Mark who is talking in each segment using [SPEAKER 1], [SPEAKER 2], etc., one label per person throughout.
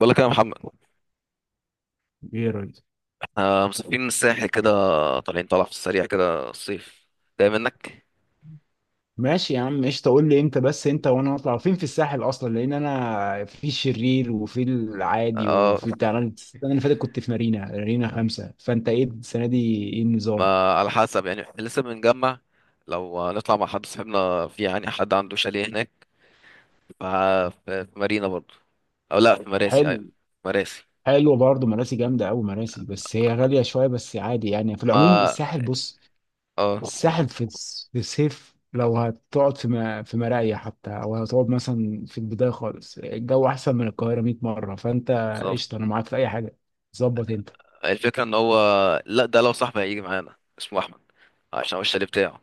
[SPEAKER 1] بقول لك يا محمد.
[SPEAKER 2] ايه ريس؟
[SPEAKER 1] آه، مسافرين الساحل كده. طالعين طالع في السريع كده الصيف. جاي منك.
[SPEAKER 2] ماشي يا عم قشطه، قول لي امتى بس انت وانا نطلع فين في الساحل اصلا. لان انا في الشرير وفي العادي
[SPEAKER 1] اه،
[SPEAKER 2] وفي بتاع، انا السنه اللي فاتت كنت في مارينا خمسه، فانت ايه السنه دي، ايه النظام؟
[SPEAKER 1] ما على حسب يعني إحنا لسه بنجمع. لو نطلع مع حد صاحبنا، في يعني حد عنده شاليه هناك في مارينا برضو، او لا في مراسي.
[SPEAKER 2] حلو.
[SPEAKER 1] ايوه، مراسي.
[SPEAKER 2] حلو برضه، مراسي جامده قوي مراسي، بس هي غاليه شويه، بس عادي يعني في العموم
[SPEAKER 1] ما.
[SPEAKER 2] الساحل. بص
[SPEAKER 1] اه،
[SPEAKER 2] الساحل في الصيف، لو هتقعد في مرايا حتى او هتقعد مثلا في البدايه خالص، الجو احسن من القاهره 100 مره. فانت
[SPEAKER 1] بالظبط.
[SPEAKER 2] قشطه، انا معاك في اي حاجه. ظبط انت.
[SPEAKER 1] الفكرة ان هو... لا، ده لو صاحبي هيجي معانا اسمه احمد، عشان هو الشاليه بتاعه.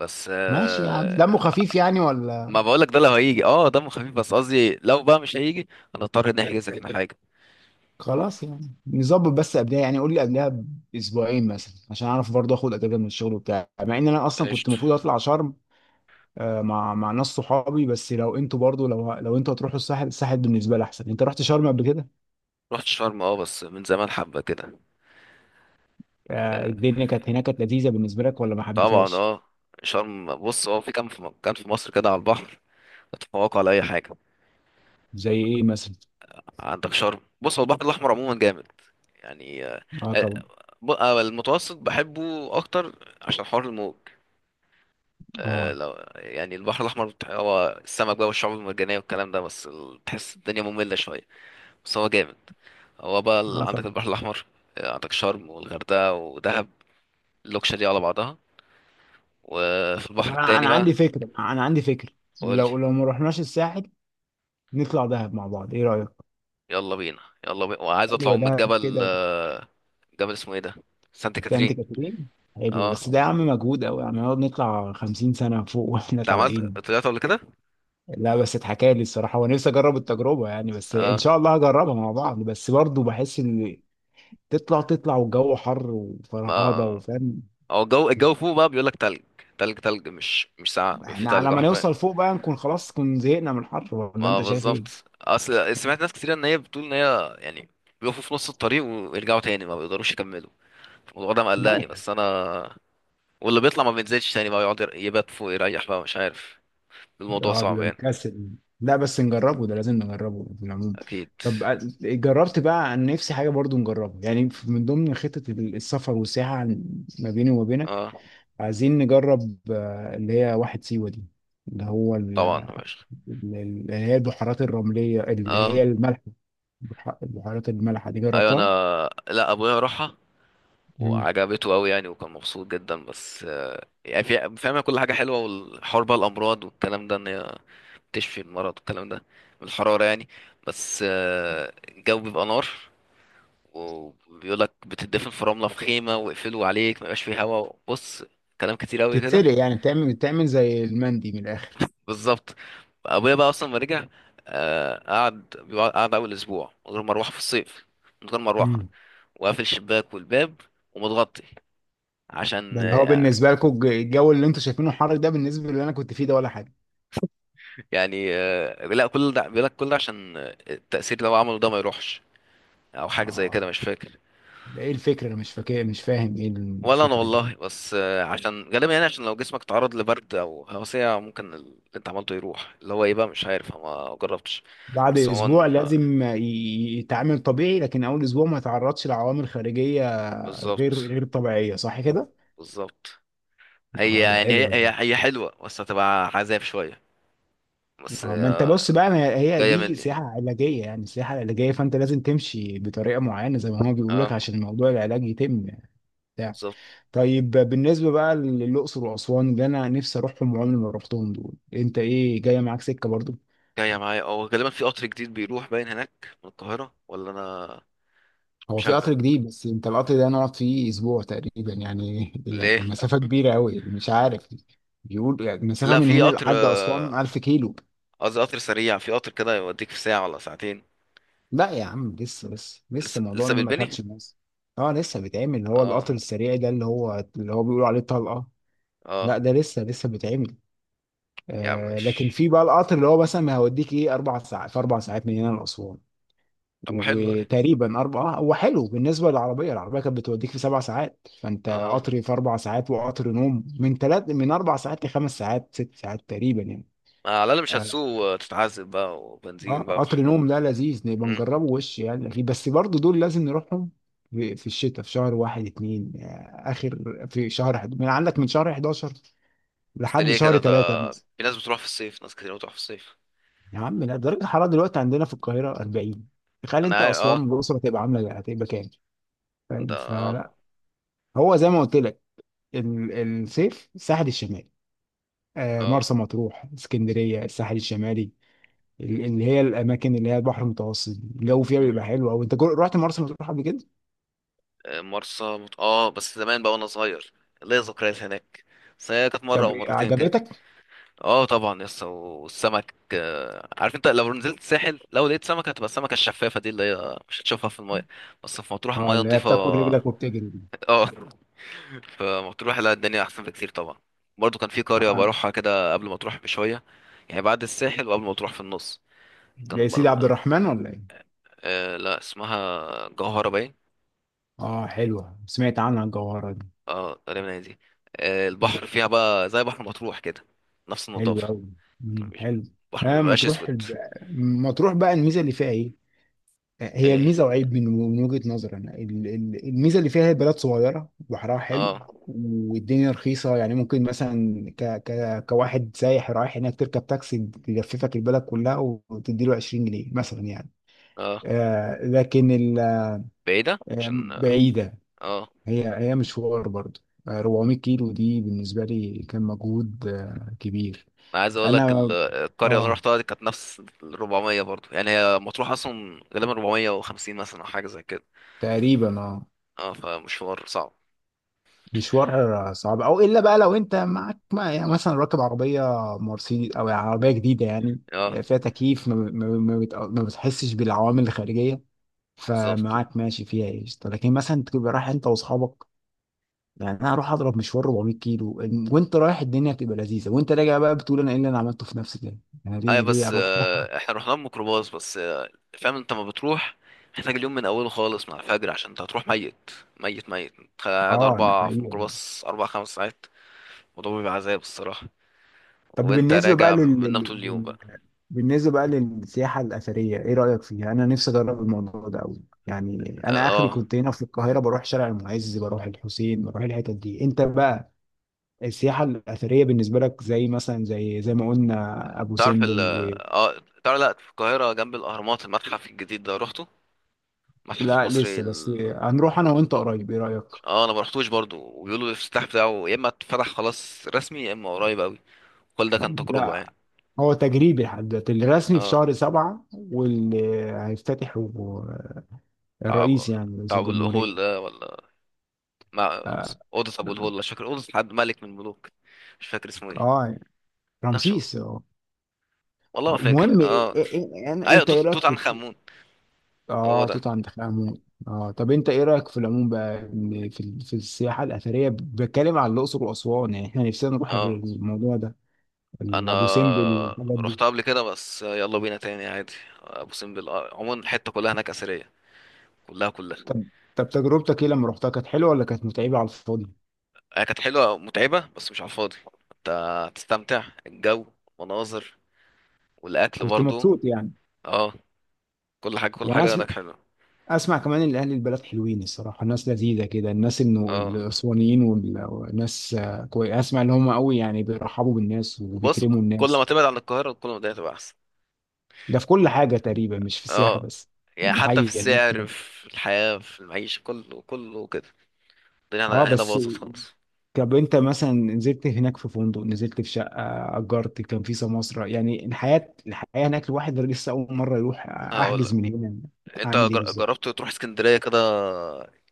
[SPEAKER 1] بس
[SPEAKER 2] ماشي، يعني دمه خفيف يعني
[SPEAKER 1] ما
[SPEAKER 2] ولا؟
[SPEAKER 1] بقولك، ده لو هيجي اه دمه خفيف، بس قصدي لو بقى مش هيجي هنضطر نحجز احنا حاجة.
[SPEAKER 2] خلاص يعني نظبط، بس قبلها يعني قول لي قبلها باسبوعين مثلا، عشان اعرف برضه اخد اجازه من الشغل بتاعي، مع ان انا اصلا كنت
[SPEAKER 1] قشطة.
[SPEAKER 2] المفروض اطلع شرم. مع ناس صحابي، بس لو انتوا برضه، لو انتوا هتروحوا الساحل، الساحل بالنسبه لي احسن. انت رحت شرم قبل كده؟
[SPEAKER 1] رحت شرم اه، بس من زمان حبة كده. آه،
[SPEAKER 2] الدنيا كانت هناك، كانت لذيذه بالنسبه لك ولا ما
[SPEAKER 1] طبعا
[SPEAKER 2] حبيتهاش؟
[SPEAKER 1] اه. شرم بص، هو في كام في مكان في مصر كده على البحر تتفوق على أي حاجة؟
[SPEAKER 2] زي ايه مثلا؟
[SPEAKER 1] عندك شرم. بص، هو البحر الأحمر عموما جامد. يعني.
[SPEAKER 2] اه
[SPEAKER 1] آه،
[SPEAKER 2] طبعا.
[SPEAKER 1] المتوسط بحبه أكتر عشان حر الموج.
[SPEAKER 2] اه.
[SPEAKER 1] لو يعني البحر الأحمر هو السمك بقى والشعاب المرجانية والكلام ده، بس تحس الدنيا مملة شوية. بس هو جامد. هو بقى
[SPEAKER 2] اه
[SPEAKER 1] عندك
[SPEAKER 2] طبعا.
[SPEAKER 1] البحر الأحمر. عندك شرم والغردقة ودهب، اللوكشة دي على بعضها. وفي
[SPEAKER 2] طب
[SPEAKER 1] البحر
[SPEAKER 2] انا،
[SPEAKER 1] التاني
[SPEAKER 2] انا
[SPEAKER 1] بقى.
[SPEAKER 2] عندي فكره انا عندي فكره.
[SPEAKER 1] قول لي.
[SPEAKER 2] لو ما رحناش الساحل، نطلع دهب مع بعض، ايه رايك؟
[SPEAKER 1] يلا بينا. يلا بينا، وعايز اطلع
[SPEAKER 2] حلوه
[SPEAKER 1] من
[SPEAKER 2] دهب
[SPEAKER 1] الجبل.
[SPEAKER 2] كده.
[SPEAKER 1] جبل اسمه ايه ده؟ سانت
[SPEAKER 2] سانت
[SPEAKER 1] كاترين.
[SPEAKER 2] كاترين. حلو بس
[SPEAKER 1] اه،
[SPEAKER 2] ده يا عم مجهود قوي، يعني نقعد نطلع 50 سنة فوق واحنا
[SPEAKER 1] انت عملت
[SPEAKER 2] طالعين.
[SPEAKER 1] طلعت قبل كده؟
[SPEAKER 2] لا، بس اتحكى لي الصراحة ونفسي اجرب التجربة يعني، بس ان شاء
[SPEAKER 1] اه
[SPEAKER 2] الله هجربها مع بعض. بس برضه بحس ان تطلع والجو حر وفرهضة،
[SPEAKER 1] ما
[SPEAKER 2] وفاهم،
[SPEAKER 1] هو الجو فوق بقى بيقول لك تلج تلج تلج، مش ساعة في
[SPEAKER 2] احنا على
[SPEAKER 1] تلج
[SPEAKER 2] ما
[SPEAKER 1] حرفيا.
[SPEAKER 2] نوصل فوق بقى نكون خلاص كنا زهقنا من الحر، ولا
[SPEAKER 1] ما
[SPEAKER 2] انت شايف
[SPEAKER 1] بالظبط.
[SPEAKER 2] ايه؟
[SPEAKER 1] اصل سمعت ناس كتير ان هي بتقول ان هي يعني بيقفوا في نص الطريق ويرجعوا تاني ما بيقدروش يكملوا. الموضوع ده
[SPEAKER 2] لا.
[SPEAKER 1] مقلقني، بس انا... واللي بيطلع ما بينزلش تاني بقى، يقعد يبات فوق يريح بقى مش عارف. الموضوع
[SPEAKER 2] اه
[SPEAKER 1] صعب
[SPEAKER 2] بيبقى
[SPEAKER 1] يعني.
[SPEAKER 2] مكسل. لا بس نجربه، ده لازم نجربه في العموم.
[SPEAKER 1] اكيد.
[SPEAKER 2] طب جربت بقى، عن نفسي حاجة برضو نجربها يعني، من ضمن خطة السفر والسياحة، ما بيني وما بينك،
[SPEAKER 1] اه
[SPEAKER 2] عايزين نجرب اللي هي واحد سيوة دي، اللي هو ال-
[SPEAKER 1] طبعا يا باشا.
[SPEAKER 2] ال- اللي هي البحيرات الرملية اللي هي
[SPEAKER 1] اه،
[SPEAKER 2] الملح. البحيرات المالحة دي
[SPEAKER 1] ايوه انا.
[SPEAKER 2] جربتها؟
[SPEAKER 1] لا، ابويا راحها
[SPEAKER 2] مم.
[SPEAKER 1] وعجبته قوي يعني، وكان مبسوط جدا. بس يعني فاهمه كل حاجه حلوه، والحوار بقى الامراض والكلام ده، ان هي تشفي المرض والكلام ده من الحراره يعني. بس الجو بيبقى نار، وبيقولك بتدفن في رمله في خيمه ويقفلوا عليك ما يبقاش فيه هوا. بص، كلام كتير قوي كده.
[SPEAKER 2] بتتسلق يعني، بتعمل زي المندي من الآخر.
[SPEAKER 1] بالظبط. ابويا بقى اصلا ما رجع. قعد اول اسبوع من غير مروحه في الصيف، من غير مروحه،
[SPEAKER 2] امم.
[SPEAKER 1] وقافل الشباك والباب ومتغطي. عشان
[SPEAKER 2] ده اللي هو بالنسبة لكم الجو اللي انتوا شايفينه حر ده، بالنسبة اللي انا كنت فيه ده ولا حاجة.
[SPEAKER 1] يعني لا، كل ده بيقول لك، كل ده عشان التأثير لو عمله ده ما يروحش، او حاجه زي كده
[SPEAKER 2] اه.
[SPEAKER 1] مش فاكر.
[SPEAKER 2] ده ايه الفكرة؟ انا مش فاكر، مش فاهم ايه
[SPEAKER 1] ولا انا
[SPEAKER 2] الفكرة دي.
[SPEAKER 1] والله. بس عشان غالبا يعني، عشان لو جسمك تعرض لبرد او هوسية ممكن اللي انت عملته يروح، اللي هو ايه بقى مش عارف، أنا ما جربتش.
[SPEAKER 2] بعد
[SPEAKER 1] بس هو...
[SPEAKER 2] اسبوع لازم يتعامل طبيعي، لكن اول اسبوع ما يتعرضش لعوامل خارجية
[SPEAKER 1] بالظبط.
[SPEAKER 2] غير طبيعية، صح كده؟
[SPEAKER 1] بالظبط. هي
[SPEAKER 2] اه دي
[SPEAKER 1] يعني هي
[SPEAKER 2] حلوة دي.
[SPEAKER 1] هي هي حلوة، بس هتبقى عذاب شوية. بس.
[SPEAKER 2] اه ما انت بص بقى، ما هي
[SPEAKER 1] جاية
[SPEAKER 2] دي
[SPEAKER 1] مني.
[SPEAKER 2] سياحة علاجية، يعني سياحة علاجية فانت لازم تمشي بطريقة معينة زي ما هو بيقول لك،
[SPEAKER 1] اه،
[SPEAKER 2] عشان موضوع العلاج يتم يعني. بتاع.
[SPEAKER 1] بالظبط.
[SPEAKER 2] طيب بالنسبة بقى للأقصر وأسوان اللي أنا نفسي أروحهم وعمري ما رحتهم دول، أنت إيه جاية معاك سكة برضو؟
[SPEAKER 1] جاية معايا اه، غالبا في قطر جديد بيروح باين هناك من القاهرة، ولا انا
[SPEAKER 2] هو
[SPEAKER 1] مش
[SPEAKER 2] في
[SPEAKER 1] عارف
[SPEAKER 2] قطر جديد، بس انت القطر ده نقعد فيه اسبوع تقريبا يعني
[SPEAKER 1] ليه.
[SPEAKER 2] يعني مسافه كبيره قوي، مش عارف. بيقول يعني مسافه
[SPEAKER 1] لا،
[SPEAKER 2] من
[SPEAKER 1] في
[SPEAKER 2] هنا
[SPEAKER 1] قطر
[SPEAKER 2] لحد اسوان 1000 كيلو.
[SPEAKER 1] قصدي قطر سريع، في قطر كده يوديك في ساعة ولا ساعتين.
[SPEAKER 2] لا يا عم، لسه
[SPEAKER 1] لسه
[SPEAKER 2] الموضوع
[SPEAKER 1] لسه
[SPEAKER 2] ده ما
[SPEAKER 1] بيتبني.
[SPEAKER 2] دخلش مصر. اه لسه بيتعمل، اللي هو
[SPEAKER 1] اه،
[SPEAKER 2] القطر السريع ده، اللي هو بيقولوا عليه طلقه.
[SPEAKER 1] اه.
[SPEAKER 2] لا ده لسه بيتعمل.
[SPEAKER 1] يا عم
[SPEAKER 2] آه لكن
[SPEAKER 1] مش...
[SPEAKER 2] في بقى القطر اللي هو مثلا هيوديك ايه، اربع ساعات، في اربع ساعات من هنا لاسوان،
[SPEAKER 1] طب ما حلوة دي.
[SPEAKER 2] وتقريبا اربعه. هو حلو بالنسبه للعربيه، العربيه كانت بتوديك في سبع ساعات، فانت
[SPEAKER 1] اه،
[SPEAKER 2] قطر في اربع ساعات، وقطر نوم من ثلاث، من اربع ساعات لخمس ساعات ست ساعات تقريبا يعني.
[SPEAKER 1] على الأقل مش
[SPEAKER 2] اه.
[SPEAKER 1] هتسوق وتتعذب بقى وبنزين بقى
[SPEAKER 2] قطر
[SPEAKER 1] وحاجات.
[SPEAKER 2] نوم ده لذيذ، نبقى
[SPEAKER 1] مم.
[SPEAKER 2] نجربه وش يعني أكيد. بس برضو دول لازم نروحهم في الشتاء، في شهر واحد اتنين، اخر، في شهر حد. من عندك من شهر 11
[SPEAKER 1] بس ده
[SPEAKER 2] لحد
[SPEAKER 1] ليه
[SPEAKER 2] شهر
[SPEAKER 1] كده ده؟
[SPEAKER 2] ثلاثة مثلا.
[SPEAKER 1] في ناس بتروح في الصيف، ناس كتير بتروح في الصيف.
[SPEAKER 2] يا عم لا، درجة الحرارة دلوقتي عندنا في القاهرة 40، تخيل
[SPEAKER 1] انا
[SPEAKER 2] انت
[SPEAKER 1] عارف
[SPEAKER 2] اسوان
[SPEAKER 1] اه.
[SPEAKER 2] والاقصر هتبقى عاملة، هتبقى كام؟
[SPEAKER 1] ده
[SPEAKER 2] فاهم؟
[SPEAKER 1] اه.
[SPEAKER 2] فلا. هو زي ما قلت لك، الصيف الساحل الشمالي،
[SPEAKER 1] اه.
[SPEAKER 2] مرسى مطروح اسكندريه، الساحل الشمالي، اللي هي الاماكن اللي هي البحر المتوسط الجو فيها
[SPEAKER 1] مم.
[SPEAKER 2] بيبقى حلو قوي. انت رحت مرسى مطروح قبل كده؟
[SPEAKER 1] اه بس زمان بقى وانا صغير، ليا ذكريات هناك. بس هي كانت مره
[SPEAKER 2] طب
[SPEAKER 1] او
[SPEAKER 2] إيه،
[SPEAKER 1] مرتين كده.
[SPEAKER 2] عجبتك؟
[SPEAKER 1] اه طبعا. يس، والسمك عارف انت لو نزلت الساحل لو لقيت سمكه هتبقى السمكه الشفافه دي اللي هي مش هتشوفها في المايه. بس في مطروح
[SPEAKER 2] اه
[SPEAKER 1] المايه
[SPEAKER 2] اللي هي
[SPEAKER 1] نضيفه
[SPEAKER 2] بتاكل رجلك وبتجري دي.
[SPEAKER 1] اه. في... مطروح، لا، الدنيا احسن بكتير طبعا. برضو كان في قريه
[SPEAKER 2] اه
[SPEAKER 1] بروحها كده قبل ما تروح بشويه، يعني بعد الساحل وقبل ما تروح في النص.
[SPEAKER 2] يا
[SPEAKER 1] كان
[SPEAKER 2] سيدي عبد الرحمن ولا ايه؟
[SPEAKER 1] آه لا، اسمها جوهره باين.
[SPEAKER 2] اه حلوه، سمعت عنها الجوهره دي.
[SPEAKER 1] اه غالبا هي دي.
[SPEAKER 2] مم.
[SPEAKER 1] البحر فيها بقى زي بحر مطروح كده، نفس
[SPEAKER 2] حلوه
[SPEAKER 1] النظافة.
[SPEAKER 2] قوي.
[SPEAKER 1] مش-
[SPEAKER 2] حلو.
[SPEAKER 1] البحر
[SPEAKER 2] اه
[SPEAKER 1] مبيبقاش
[SPEAKER 2] مطروح
[SPEAKER 1] اسود.
[SPEAKER 2] مطروح بقى الميزه اللي فيها ايه؟ هي
[SPEAKER 1] ايه.
[SPEAKER 2] ميزه وعيب، من وجهه نظري انا. الميزه اللي فيها هي بلد صغيره، بحرها حلو،
[SPEAKER 1] اه.
[SPEAKER 2] والدنيا رخيصه يعني، ممكن مثلا ك كواحد سايح رايح هناك تركب تاكسي يلففك البلد كلها وتديله 20 جنيه مثلا يعني.
[SPEAKER 1] اه.
[SPEAKER 2] آه لكن
[SPEAKER 1] بعيدة
[SPEAKER 2] آه،
[SPEAKER 1] عشان.
[SPEAKER 2] بعيده.
[SPEAKER 1] اه.
[SPEAKER 2] هي مشوار برضه، آه، 400 كيلو دي بالنسبه لي كان مجهود آه، كبير.
[SPEAKER 1] انا عايز اقول لك
[SPEAKER 2] انا.
[SPEAKER 1] القرية اللي انا
[SPEAKER 2] اه.
[SPEAKER 1] رحتها دي كانت نفس ال 400 برضو، يعني هي مطروح اصلا. غالبا 450 مثلا، او حاجة زي كده.
[SPEAKER 2] تقريبا اه.
[SPEAKER 1] اه، فمشوار صعب.
[SPEAKER 2] مشوار صعب، او الا بقى لو انت معاك يعني مثلا راكب عربيه مرسيدس او عربيه جديده يعني،
[SPEAKER 1] اه،
[SPEAKER 2] فيها تكييف، ما بتحسش بالعوامل الخارجيه،
[SPEAKER 1] بالظبط.
[SPEAKER 2] فمعاك ماشي فيها قشطه. لكن مثلا تبقى رايح انت واصحابك يعني، انا هروح اضرب مشوار 400 كيلو، وانت رايح الدنيا بتبقى لذيذه، وانت راجع بقى بتقول انا ايه اللي انا عملته في نفسي ده، انا
[SPEAKER 1] اي
[SPEAKER 2] ليه
[SPEAKER 1] بس
[SPEAKER 2] اروح ده.
[SPEAKER 1] احنا رحنا بميكروباص. بس فاهم انت ما بتروح. محتاج اليوم من اوله خالص مع الفجر، عشان انت هتروح ميت ميت ميت. انت قاعد
[SPEAKER 2] اه ده
[SPEAKER 1] اربع في
[SPEAKER 2] حقيقي.
[SPEAKER 1] ميكروباص اربع خمس ساعات. الموضوع بيبقى عذاب الصراحه.
[SPEAKER 2] طب
[SPEAKER 1] وانت
[SPEAKER 2] بالنسبة بقى
[SPEAKER 1] راجع بتنام طول اليوم بقى.
[SPEAKER 2] بالنسبة بقى للسياحة الأثرية إيه رأيك فيها؟ أنا نفسي أجرب الموضوع ده أوي، يعني أنا آخري
[SPEAKER 1] اه،
[SPEAKER 2] كنت هنا في القاهرة بروح شارع المعز، بروح الحسين، بروح الحتت دي. أنت بقى السياحة الأثرية بالنسبة لك، زي مثلا زي ما قلنا أبو
[SPEAKER 1] تعرف ال...
[SPEAKER 2] سمبل و...
[SPEAKER 1] اه تعرف، لا في القاهره جنب الاهرامات المتحف الجديد ده روحته؟ المتحف
[SPEAKER 2] لا
[SPEAKER 1] المصري
[SPEAKER 2] لسه، بس
[SPEAKER 1] ال...
[SPEAKER 2] هنروح أنا وأنت قريب، إيه رأيك؟
[SPEAKER 1] اه انا ما رحتوش برضو، وبيقولوا الافتتاح بتاعه يا اما اتفتح خلاص رسمي، يا اما قريب قوي. كل ده كان تجربه
[SPEAKER 2] لا،
[SPEAKER 1] يعني.
[SPEAKER 2] هو تجريبي لحد دلوقتي، الرسمي في
[SPEAKER 1] اه.
[SPEAKER 2] شهر سبعة، واللي هيفتتحه
[SPEAKER 1] تعب.
[SPEAKER 2] الرئيس يعني رئيس
[SPEAKER 1] تعب الهول
[SPEAKER 2] الجمهورية.
[SPEAKER 1] ده، ولا... مع...
[SPEAKER 2] آه.
[SPEAKER 1] اوضه ابو الهول مش فاكر، اوضه حد ملك من الملوك مش فاكر اسمه ايه.
[SPEAKER 2] آه،
[SPEAKER 1] لا، مش
[SPEAKER 2] رمسيس اه.
[SPEAKER 1] والله ما فاكر
[SPEAKER 2] المهم
[SPEAKER 1] اه. ايوه،
[SPEAKER 2] انت
[SPEAKER 1] توت
[SPEAKER 2] ايه رايك
[SPEAKER 1] توت
[SPEAKER 2] في؟
[SPEAKER 1] عنخ امون. هو
[SPEAKER 2] اه
[SPEAKER 1] ده.
[SPEAKER 2] توت عنخ امون اه. طب انت ايه رايك في العموم بقى، إن في في السياحه الاثريه، بتكلم عن الاقصر واسوان، يعني احنا نفسنا نروح
[SPEAKER 1] اه
[SPEAKER 2] الموضوع ده،
[SPEAKER 1] انا
[SPEAKER 2] ابو سمبل والحاجات دي.
[SPEAKER 1] رحت قبل كده، بس يلا بينا تاني عادي. ابو سمبل عموما الحته كلها هناك اثريه. كلها كلها.
[SPEAKER 2] طب. طب تجربتك ايه لما رحتها، كانت حلوه ولا كانت متعبه على الفاضي؟
[SPEAKER 1] هي كانت حلوه، متعبه بس مش على الفاضي. انت هتستمتع، الجو، مناظر، والاكل
[SPEAKER 2] كنت
[SPEAKER 1] برضو.
[SPEAKER 2] مبسوط يعني.
[SPEAKER 1] اه. كل حاجه كل
[SPEAKER 2] وانا
[SPEAKER 1] حاجه
[SPEAKER 2] اسمع،
[SPEAKER 1] هناك حلوه.
[SPEAKER 2] اسمع كمان ان اهل البلد حلوين الصراحه، الناس لذيذه كده، الناس انه
[SPEAKER 1] اه.
[SPEAKER 2] الاسوانيين والناس، آه، كوي، اسمع ان هم قوي يعني بيرحبوا بالناس
[SPEAKER 1] بص،
[SPEAKER 2] وبيكرموا
[SPEAKER 1] كل ما
[SPEAKER 2] الناس.
[SPEAKER 1] تبعد عن القاهره كل ما الدنيا تبقى احسن.
[SPEAKER 2] ده في كل حاجة تقريبا، مش في السياحة
[SPEAKER 1] اه،
[SPEAKER 2] بس.
[SPEAKER 1] يعني
[SPEAKER 2] ده
[SPEAKER 1] حتى في
[SPEAKER 2] حقيقي، الناس
[SPEAKER 1] السعر،
[SPEAKER 2] كده.
[SPEAKER 1] في الحياة، في المعيشة، كله كله كده. الدنيا
[SPEAKER 2] اه
[SPEAKER 1] هنا هنا
[SPEAKER 2] بس.
[SPEAKER 1] باظت خالص.
[SPEAKER 2] طب انت مثلا نزلت هناك في فندق، نزلت في شقة أجرت، كان في سماسرة، يعني الحياة هناك الواحد لسه أول مرة يروح،
[SPEAKER 1] هقول
[SPEAKER 2] أحجز
[SPEAKER 1] لك.
[SPEAKER 2] من هنا؟
[SPEAKER 1] انت
[SPEAKER 2] أعمل إيه
[SPEAKER 1] جر-
[SPEAKER 2] بالظبط؟
[SPEAKER 1] جربت تروح اسكندرية كده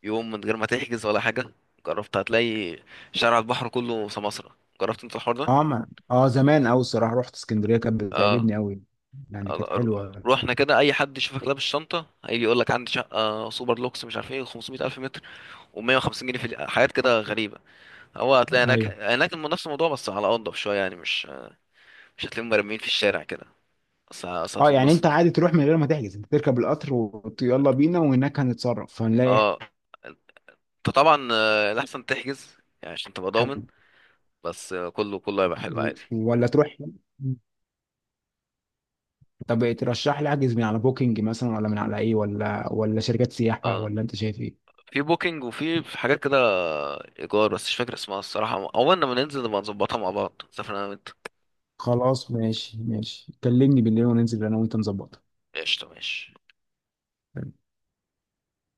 [SPEAKER 1] يوم من غير ما تحجز ولا حاجة؟ جربت؟ هتلاقي شارع البحر كله سماسرة. جربت انت الحوار ده؟
[SPEAKER 2] اه، ما اه زمان أوي الصراحة، رحت اسكندرية كانت
[SPEAKER 1] اه.
[SPEAKER 2] بتعجبني أوي، يعني كانت
[SPEAKER 1] رو-
[SPEAKER 2] حلوة.
[SPEAKER 1] روحنا كده، اي حد يشوفك لابس شنطة هيجي يقول لك عندي شقة سوبر لوكس مش عارف ايه 500 الف متر، و150 جنيه، في حاجات كده غريبة. هو هتلاقي هناك
[SPEAKER 2] ايوه.
[SPEAKER 1] نفس الموضوع، بس على انضف شوية يعني. مش مش هتلاقيهم مرميين في الشارع كده. بس
[SPEAKER 2] اه يعني انت
[SPEAKER 1] هتتبسط.
[SPEAKER 2] عادي تروح من غير ما تحجز، انت تركب القطر ويلا بينا، وهناك هنتصرف هنلاقي
[SPEAKER 1] اه، انت طبعا الاحسن تحجز يعني عشان تبقى
[SPEAKER 2] حد؟
[SPEAKER 1] ضامن. بس كله كله هيبقى حلو عادي.
[SPEAKER 2] ولا تروح؟ طب ترشح لي احجز من على بوكينج مثلا، ولا من على ايه، ولا شركات سياحة،
[SPEAKER 1] اه،
[SPEAKER 2] ولا انت شايف ايه؟
[SPEAKER 1] في بوكينج، وفي حاجات كده ايجار، بس مش فاكر اسمها الصراحه، اول لما ننزل نبقى نظبطها مع بعض، سافر انا وانت.
[SPEAKER 2] خلاص، ماشي، كلمني بالليل وننزل انا وانت نظبطها.
[SPEAKER 1] قشطه، ماشي.